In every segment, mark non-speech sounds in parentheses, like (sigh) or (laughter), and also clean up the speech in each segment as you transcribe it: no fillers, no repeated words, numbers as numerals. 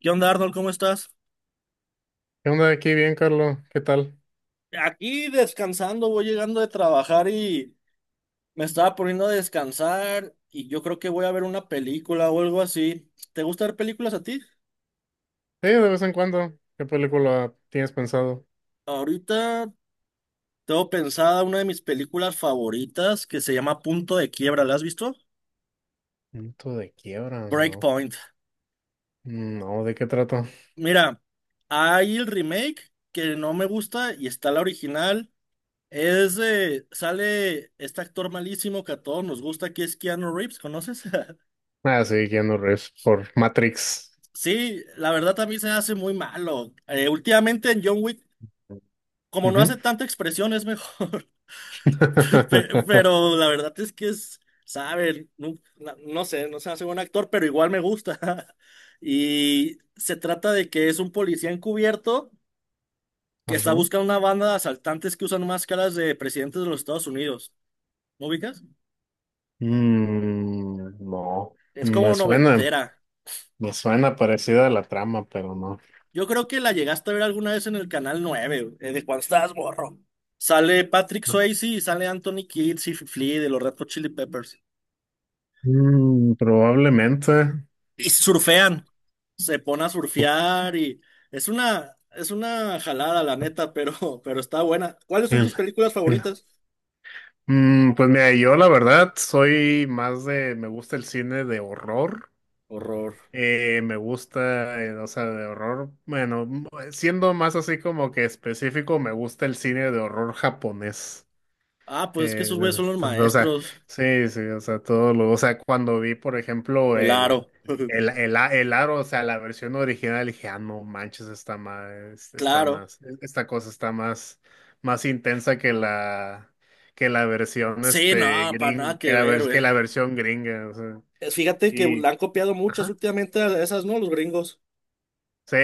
¿Qué onda, Arnold? ¿Cómo estás? ¿Qué onda aquí? Bien, Carlos. ¿Qué tal? Aquí descansando, voy llegando de trabajar y me estaba poniendo a descansar y yo creo que voy a ver una película o algo así. ¿Te gusta ver películas a ti? Sí, de vez en cuando. ¿Qué película tienes pensado? Ahorita tengo pensada una de mis películas favoritas que se llama Punto de Quiebra. ¿La has visto? Punto de quiebra, no. Breakpoint. No, ¿de qué trato? Mira, hay el remake que no me gusta y está la original. Sale este actor malísimo que a todos nos gusta, que es Keanu Reeves, ¿conoces? (laughs) Ah, sí, Keanu Reeves por Matrix. Sí, la verdad a mí se hace muy malo. Últimamente en John Wick, como no Ujú. hace tanta expresión, es mejor. (laughs) Pe- (laughs) Pero la verdad saben, no, no sé, no se hace buen actor, pero igual me gusta. (laughs) Y se trata de que es un policía encubierto que está Ajá. buscando una banda de asaltantes que usan máscaras de presidentes de los Estados Unidos. ¿No ubicas? Mm, no. Es Me como suena. noventera. Me suena parecida a la trama, pero no. Yo creo que la llegaste a ver alguna vez en el Canal 9, de cuando estabas morro. Sale Patrick Swayze y sale Anthony Kidd y Flea de los Red Hot Chili Peppers. Mm, probablemente. Y surfean, se pone a surfear y es una jalada, la neta, pero, (laughs) pero está buena. ¿Cuáles son El- tus películas el- favoritas? Pues mira, yo la verdad soy más de, me gusta el cine de horror. Horror. Me gusta, o sea, de horror. Bueno, siendo más así como que específico, me gusta el cine de horror japonés. Ah, pues es que Eh, de- esos güeyes son de- los (laughs) o sea, maestros. sí, sí, o sea, todo lo, o sea, cuando vi, por ejemplo, El Aro. (laughs) El aro, o sea, la versión original, dije, ah, no manches, Claro. Esta cosa está más, más intensa que la versión, Sí, este, no, para nada gring, que que la, ver, vers- güey. que la versión gringa, o sea, Fíjate que y, la han copiado muchas ajá. últimamente a esas, ¿no? Los gringos. Sí,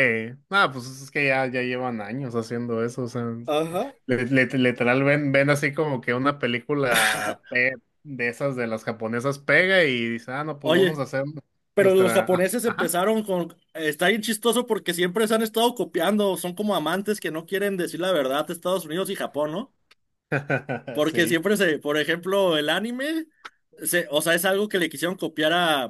nada, pues es que ya llevan años haciendo eso, o sea, Ajá. Literal ven así como que una película (laughs) de esas de las japonesas pega y dice, ah, no, pues vamos Oye, a hacer pero los nuestra... ah, japoneses ajá. empezaron con... Está bien chistoso porque siempre se han estado copiando, son como amantes que no quieren decir la verdad, Estados Unidos y Japón, ¿no? (laughs) Porque Sí. siempre se, por ejemplo, el anime, o sea, es algo que le quisieron copiar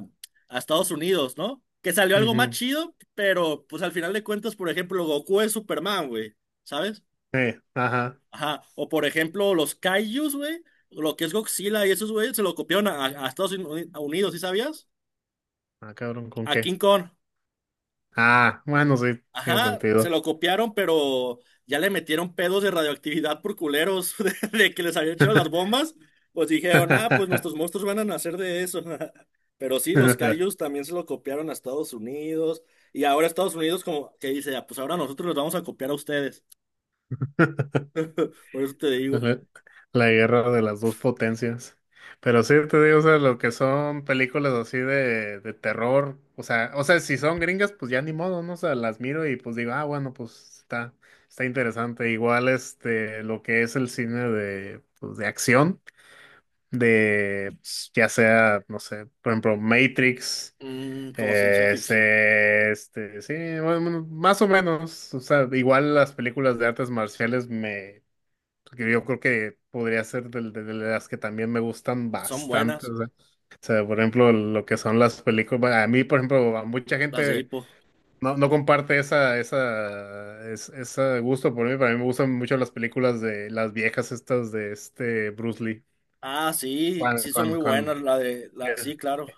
a Estados Unidos, ¿no? Que salió algo más Ujú. chido, pero pues al final de cuentas, por ejemplo, Goku es Superman, güey, ¿sabes? Sí, ajá. Ajá. O por ejemplo, los Kaijus, güey, lo que es Godzilla y esos, güey, se lo copiaron a Unidos, ¿sí sabías? Ah, cabrón, ¿con A qué? King Kong. Ah, bueno, sí, tiene Ajá, sentido. se lo copiaron, pero ya le metieron pedos de radioactividad por culeros (laughs) de que les habían echado las bombas. Pues dijeron, ah, pues (laughs) nuestros monstruos van a nacer de eso. (laughs) Pero sí, los Kaijus también se lo copiaron a Estados Unidos. Y ahora Estados Unidos como que dice, ah, pues ahora nosotros los vamos a copiar a ustedes. Por eso te digo, La, la guerra de las dos potencias. Pero sí te digo, o sea, lo que son películas así de terror, o sea, si son gringas, pues ya ni modo, ¿no? O sea, las miro y pues digo, ah, bueno, pues está, está interesante. Igual este, lo que es el cine de, pues, de acción, de pues, ya sea, no sé, por ejemplo, Matrix, mm, como ciencia ficción. Sí, bueno, bueno, más o menos, o sea, igual las películas de artes marciales porque yo creo que podría ser de las que también me gustan Son bastante. buenas O sea, por ejemplo, lo que son las películas. Bueno, a mí, por ejemplo, a mucha las de gente Hippo. no, no comparte esa, ese gusto por mí. Para mí me gustan mucho las películas de las viejas estas de este Bruce Lee. Ah, sí, Cuando, sí son cuando, muy cuando- buenas la de la eh, sí, claro.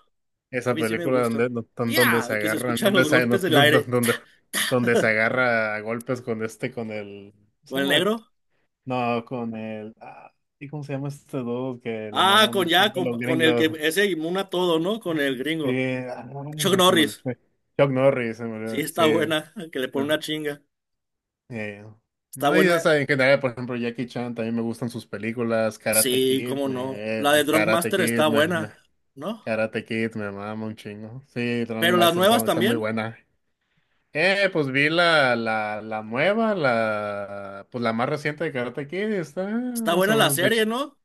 A esa mí sí me película gustan. Donde Ya, se y que se agarran, escuchan los golpes del aire. Donde se (laughs) agarra a golpes con este, con el. ¿Cómo se ¿Con el llama? negro? No, con el. Ah, ¿y cómo se llama este dude que lo Ah, maman con un ya, chingo los con el gringos? que ese inmuna todo, ¿no? Con Ay, el sí, gringo. ay, Chuck güey, se me olvidó. Norris. Chuck Norris, se me Sí, olvidó. Sí. está buena, (laughs) que le pone ah, una chinga. eh, Está No, y o buena. sea, en general, por ejemplo, Jackie Chan también me gustan sus películas. Sí, cómo no. La de Drunk Master está buena, ¿no? Karate Kid, me mama un chingo. Sí, Drunk Pero las Master está, nuevas está muy también. buena. Pues vi la nueva, la, pues la más reciente de Karate Kid, y está Está más buena o la menos. De hecho serie, ¿no?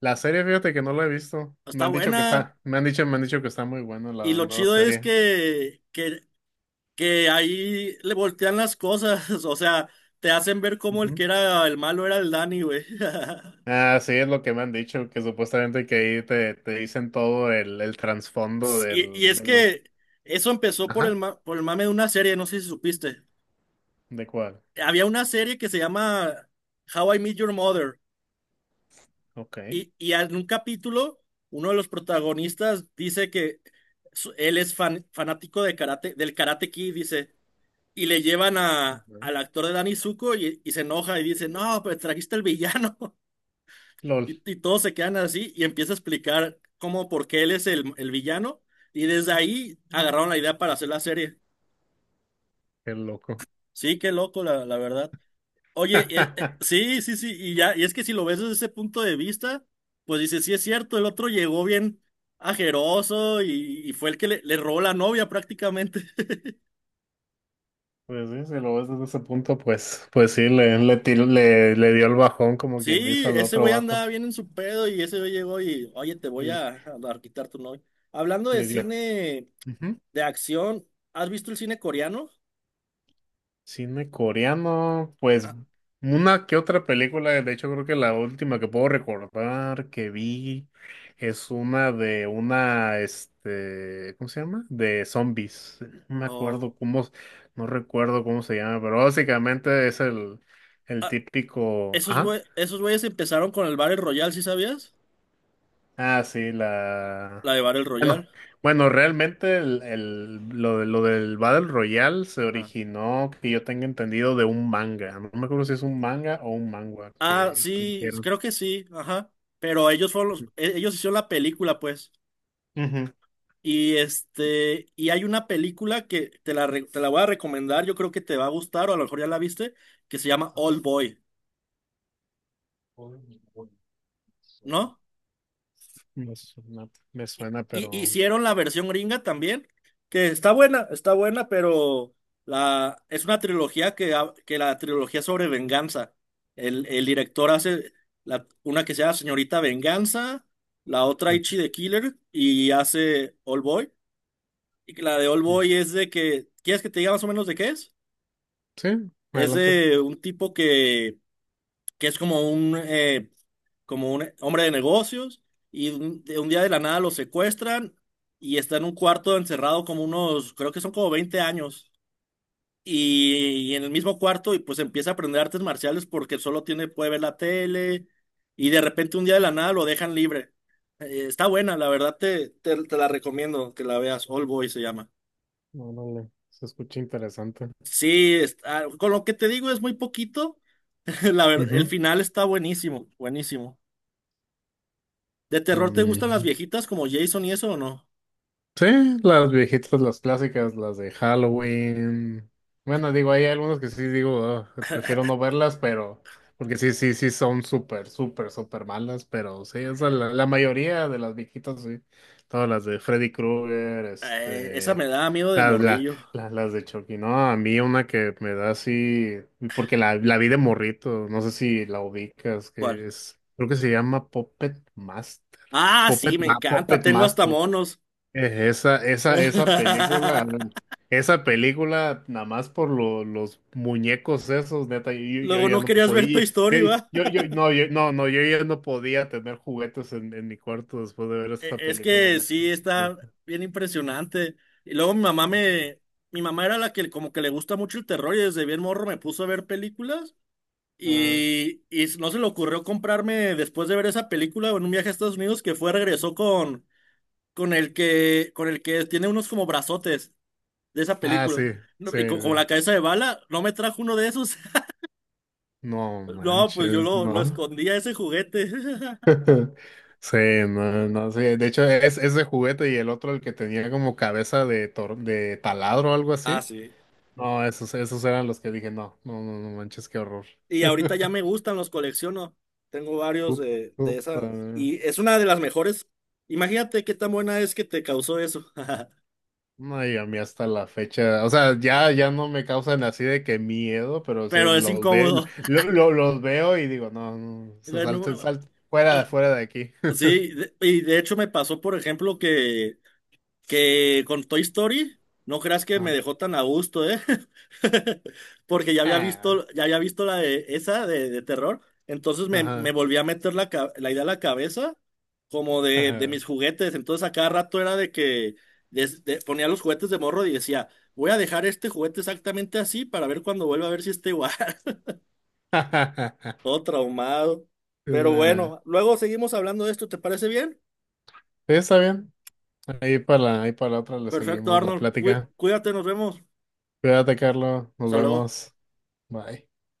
la serie, fíjate que no la he visto. Me Está han dicho que buena. está, me han dicho que está muy buena Y la lo nueva chido es serie. Que ahí le voltean las cosas. (laughs) O sea, te hacen ver cómo el que Ujú. era el malo era el Danny, güey. (laughs) Ah, sí, es lo que me han dicho, que supuestamente que ahí te, te dicen todo el trasfondo Y es del, que eso empezó por ajá, el, por el mame de una serie, no sé si supiste. ¿de cuál? Había una serie que se llama How I Met Your Mother. Ok. Y en un capítulo, uno de los protagonistas dice que él es fanático de karate, del Karate Kid, dice. Y le llevan Ajá. al actor de Danny Zuko y se enoja y dice, no, pues trajiste el villano. (laughs) LOL, Y todos se quedan así y empieza a explicar cómo, por qué él es el villano. Y desde ahí agarraron la idea para hacer la serie. qué loco. Sí, qué loco, la verdad. Oye, (laughs) sí, sí, sí, y ya, y es que si lo ves desde ese punto de vista, pues dices, sí es cierto, el otro llegó bien ajeroso y fue el que le robó la novia prácticamente. (laughs) Pues sí, si lo ves desde ese punto, pues, pues sí, le, le dio el bajón, como quien dice Sí, al ese otro güey vato. andaba bien en su pedo y ese güey llegó y, oye, Y a quitar tu novia. Hablando de le dio. cine de acción, ¿has visto el cine coreano? Cine coreano, pues Ah, una que otra película, de hecho creo que la última que puedo recordar que vi es una de una, este, ¿cómo se llama? De zombies. No me acuerdo oh. cómo, no recuerdo cómo se llama, pero básicamente es el Ah, típico, ajá. Esos güeyes empezaron con el Battle Royale, ¿sí sabías? Ah, sí, la... La de Battle Bueno, Royale. bueno, realmente lo del Battle Royale se Ajá. originó, que yo tenga entendido, de un manga. No me acuerdo si es un manga o un manga Ah, que sí, hicieron. creo que sí, ajá. Pero ellos fueron ellos hicieron la película, pues. Ujú. Y este, y hay una película que te la voy a recomendar, yo creo que te va a gustar, o a lo mejor ya la viste, que se llama Old Boy, ¿no? Me suena, Y- pero... Hicieron la versión gringa también, que está buena, pero es una trilogía que la trilogía sobre venganza. El director hace una que se llama Señorita Venganza, la otra Ujú. Ichi the Killer y hace All Boy. Y que la de All Mm. Boy es de que, ¿quieres que te diga más o menos de qué es? Sí, Es adelante. de un tipo que es como un hombre de negocios y un, de un día de la nada lo secuestran y está en un cuarto encerrado como unos, creo que son como 20 años. Y en el mismo cuarto y pues empieza a aprender artes marciales porque solo tiene, puede ver la tele y de repente un día de la nada lo dejan libre. Está buena, la verdad te la recomiendo que la veas. All Boy se llama. No, no, no, se escucha interesante. Sí, con lo que te digo es muy poquito. (laughs) La verdad, el Ujú. final está buenísimo, buenísimo. ¿De terror te gustan las Mm. viejitas como Jason y eso o no? Sí, las viejitas, las clásicas, las de Halloween. Bueno, digo, hay algunas que sí digo, "Ugh, prefiero no verlas", pero porque sí, sí, sí son súper, súper, súper malas, pero sí, o sea, la mayoría de las viejitas, sí. Todas las de Freddy Krueger, Esa este, me da miedo de las, la- morrillo. Las de Chucky, ¿no? A mí una que me da así, porque la vi de morrito, no sé si la ubicas, que ¿Cuál? es, creo que se llama Puppet Master. Ah, sí, me encanta. Puppet Tengo hasta Master. monos. Esa película, (laughs) esa película, nada más por los muñecos esos, neta, yo Luego ya no no querías ver tu podía, yo, historia, ¿va? Yo ya no podía tener juguetes en mi cuarto después de ver esa Es película, que neta, sí, está neta, bien impresionante. Y luego mi mamá eh, me... Mi mamá era la que como que le gusta mucho el terror y desde bien morro me puso a ver películas ajá. y no se le ocurrió comprarme después de ver esa película en un viaje a Estados Unidos que fue, regresó con, con el que tiene unos como brazotes de esa Ah, película. sí, No, sí, y como sí. la cabeza de bala, no me trajo uno de esos. (laughs) No No, pues yo manches, lo no. escondía ese juguete. (laughs) (laughs) Sí, no, no, sí, de hecho es ese juguete y el otro el que tenía como cabeza de, de taladro o algo Ah, así. sí. No, esos, esos eran los que dije, no, no, no, no manches, qué horror. Y ahorita ya (laughs) me gustan, los colecciono. Tengo varios Put- de esa. Puta. Y es una de las mejores. Imagínate qué tan buena es que te causó eso. No, y a mí hasta la fecha, o sea, ya, ya no me causan así de que miedo, pero (laughs) sí, Pero es los veo, incómodo. Los veo y digo, no, no, (laughs) se No, salte, salte, ah, fuera de aquí. (laughs) sí, y de hecho me pasó, por ejemplo, que con Toy Story, no creas que me Ajá. dejó tan a gusto, ¿eh? (laughs) Porque Ah, ya había visto la de esa de terror. Entonces me ajá, volví a meter la idea a la cabeza como de mis ajá. juguetes. Entonces a cada rato era de que ponía los juguetes de morro y decía, voy a dejar este juguete exactamente así para ver cuando vuelva a ver si está igual. (laughs) (laughs) Todo traumado. Pero Nah. bueno, luego seguimos hablando de esto, ¿te parece bien? Sí, está bien. Ahí para, ahí para la otra le Perfecto, seguimos la Arnold. Plática. Cuídate, nos vemos. Cuídate, Carlos. Nos Hasta luego. vemos. Bye.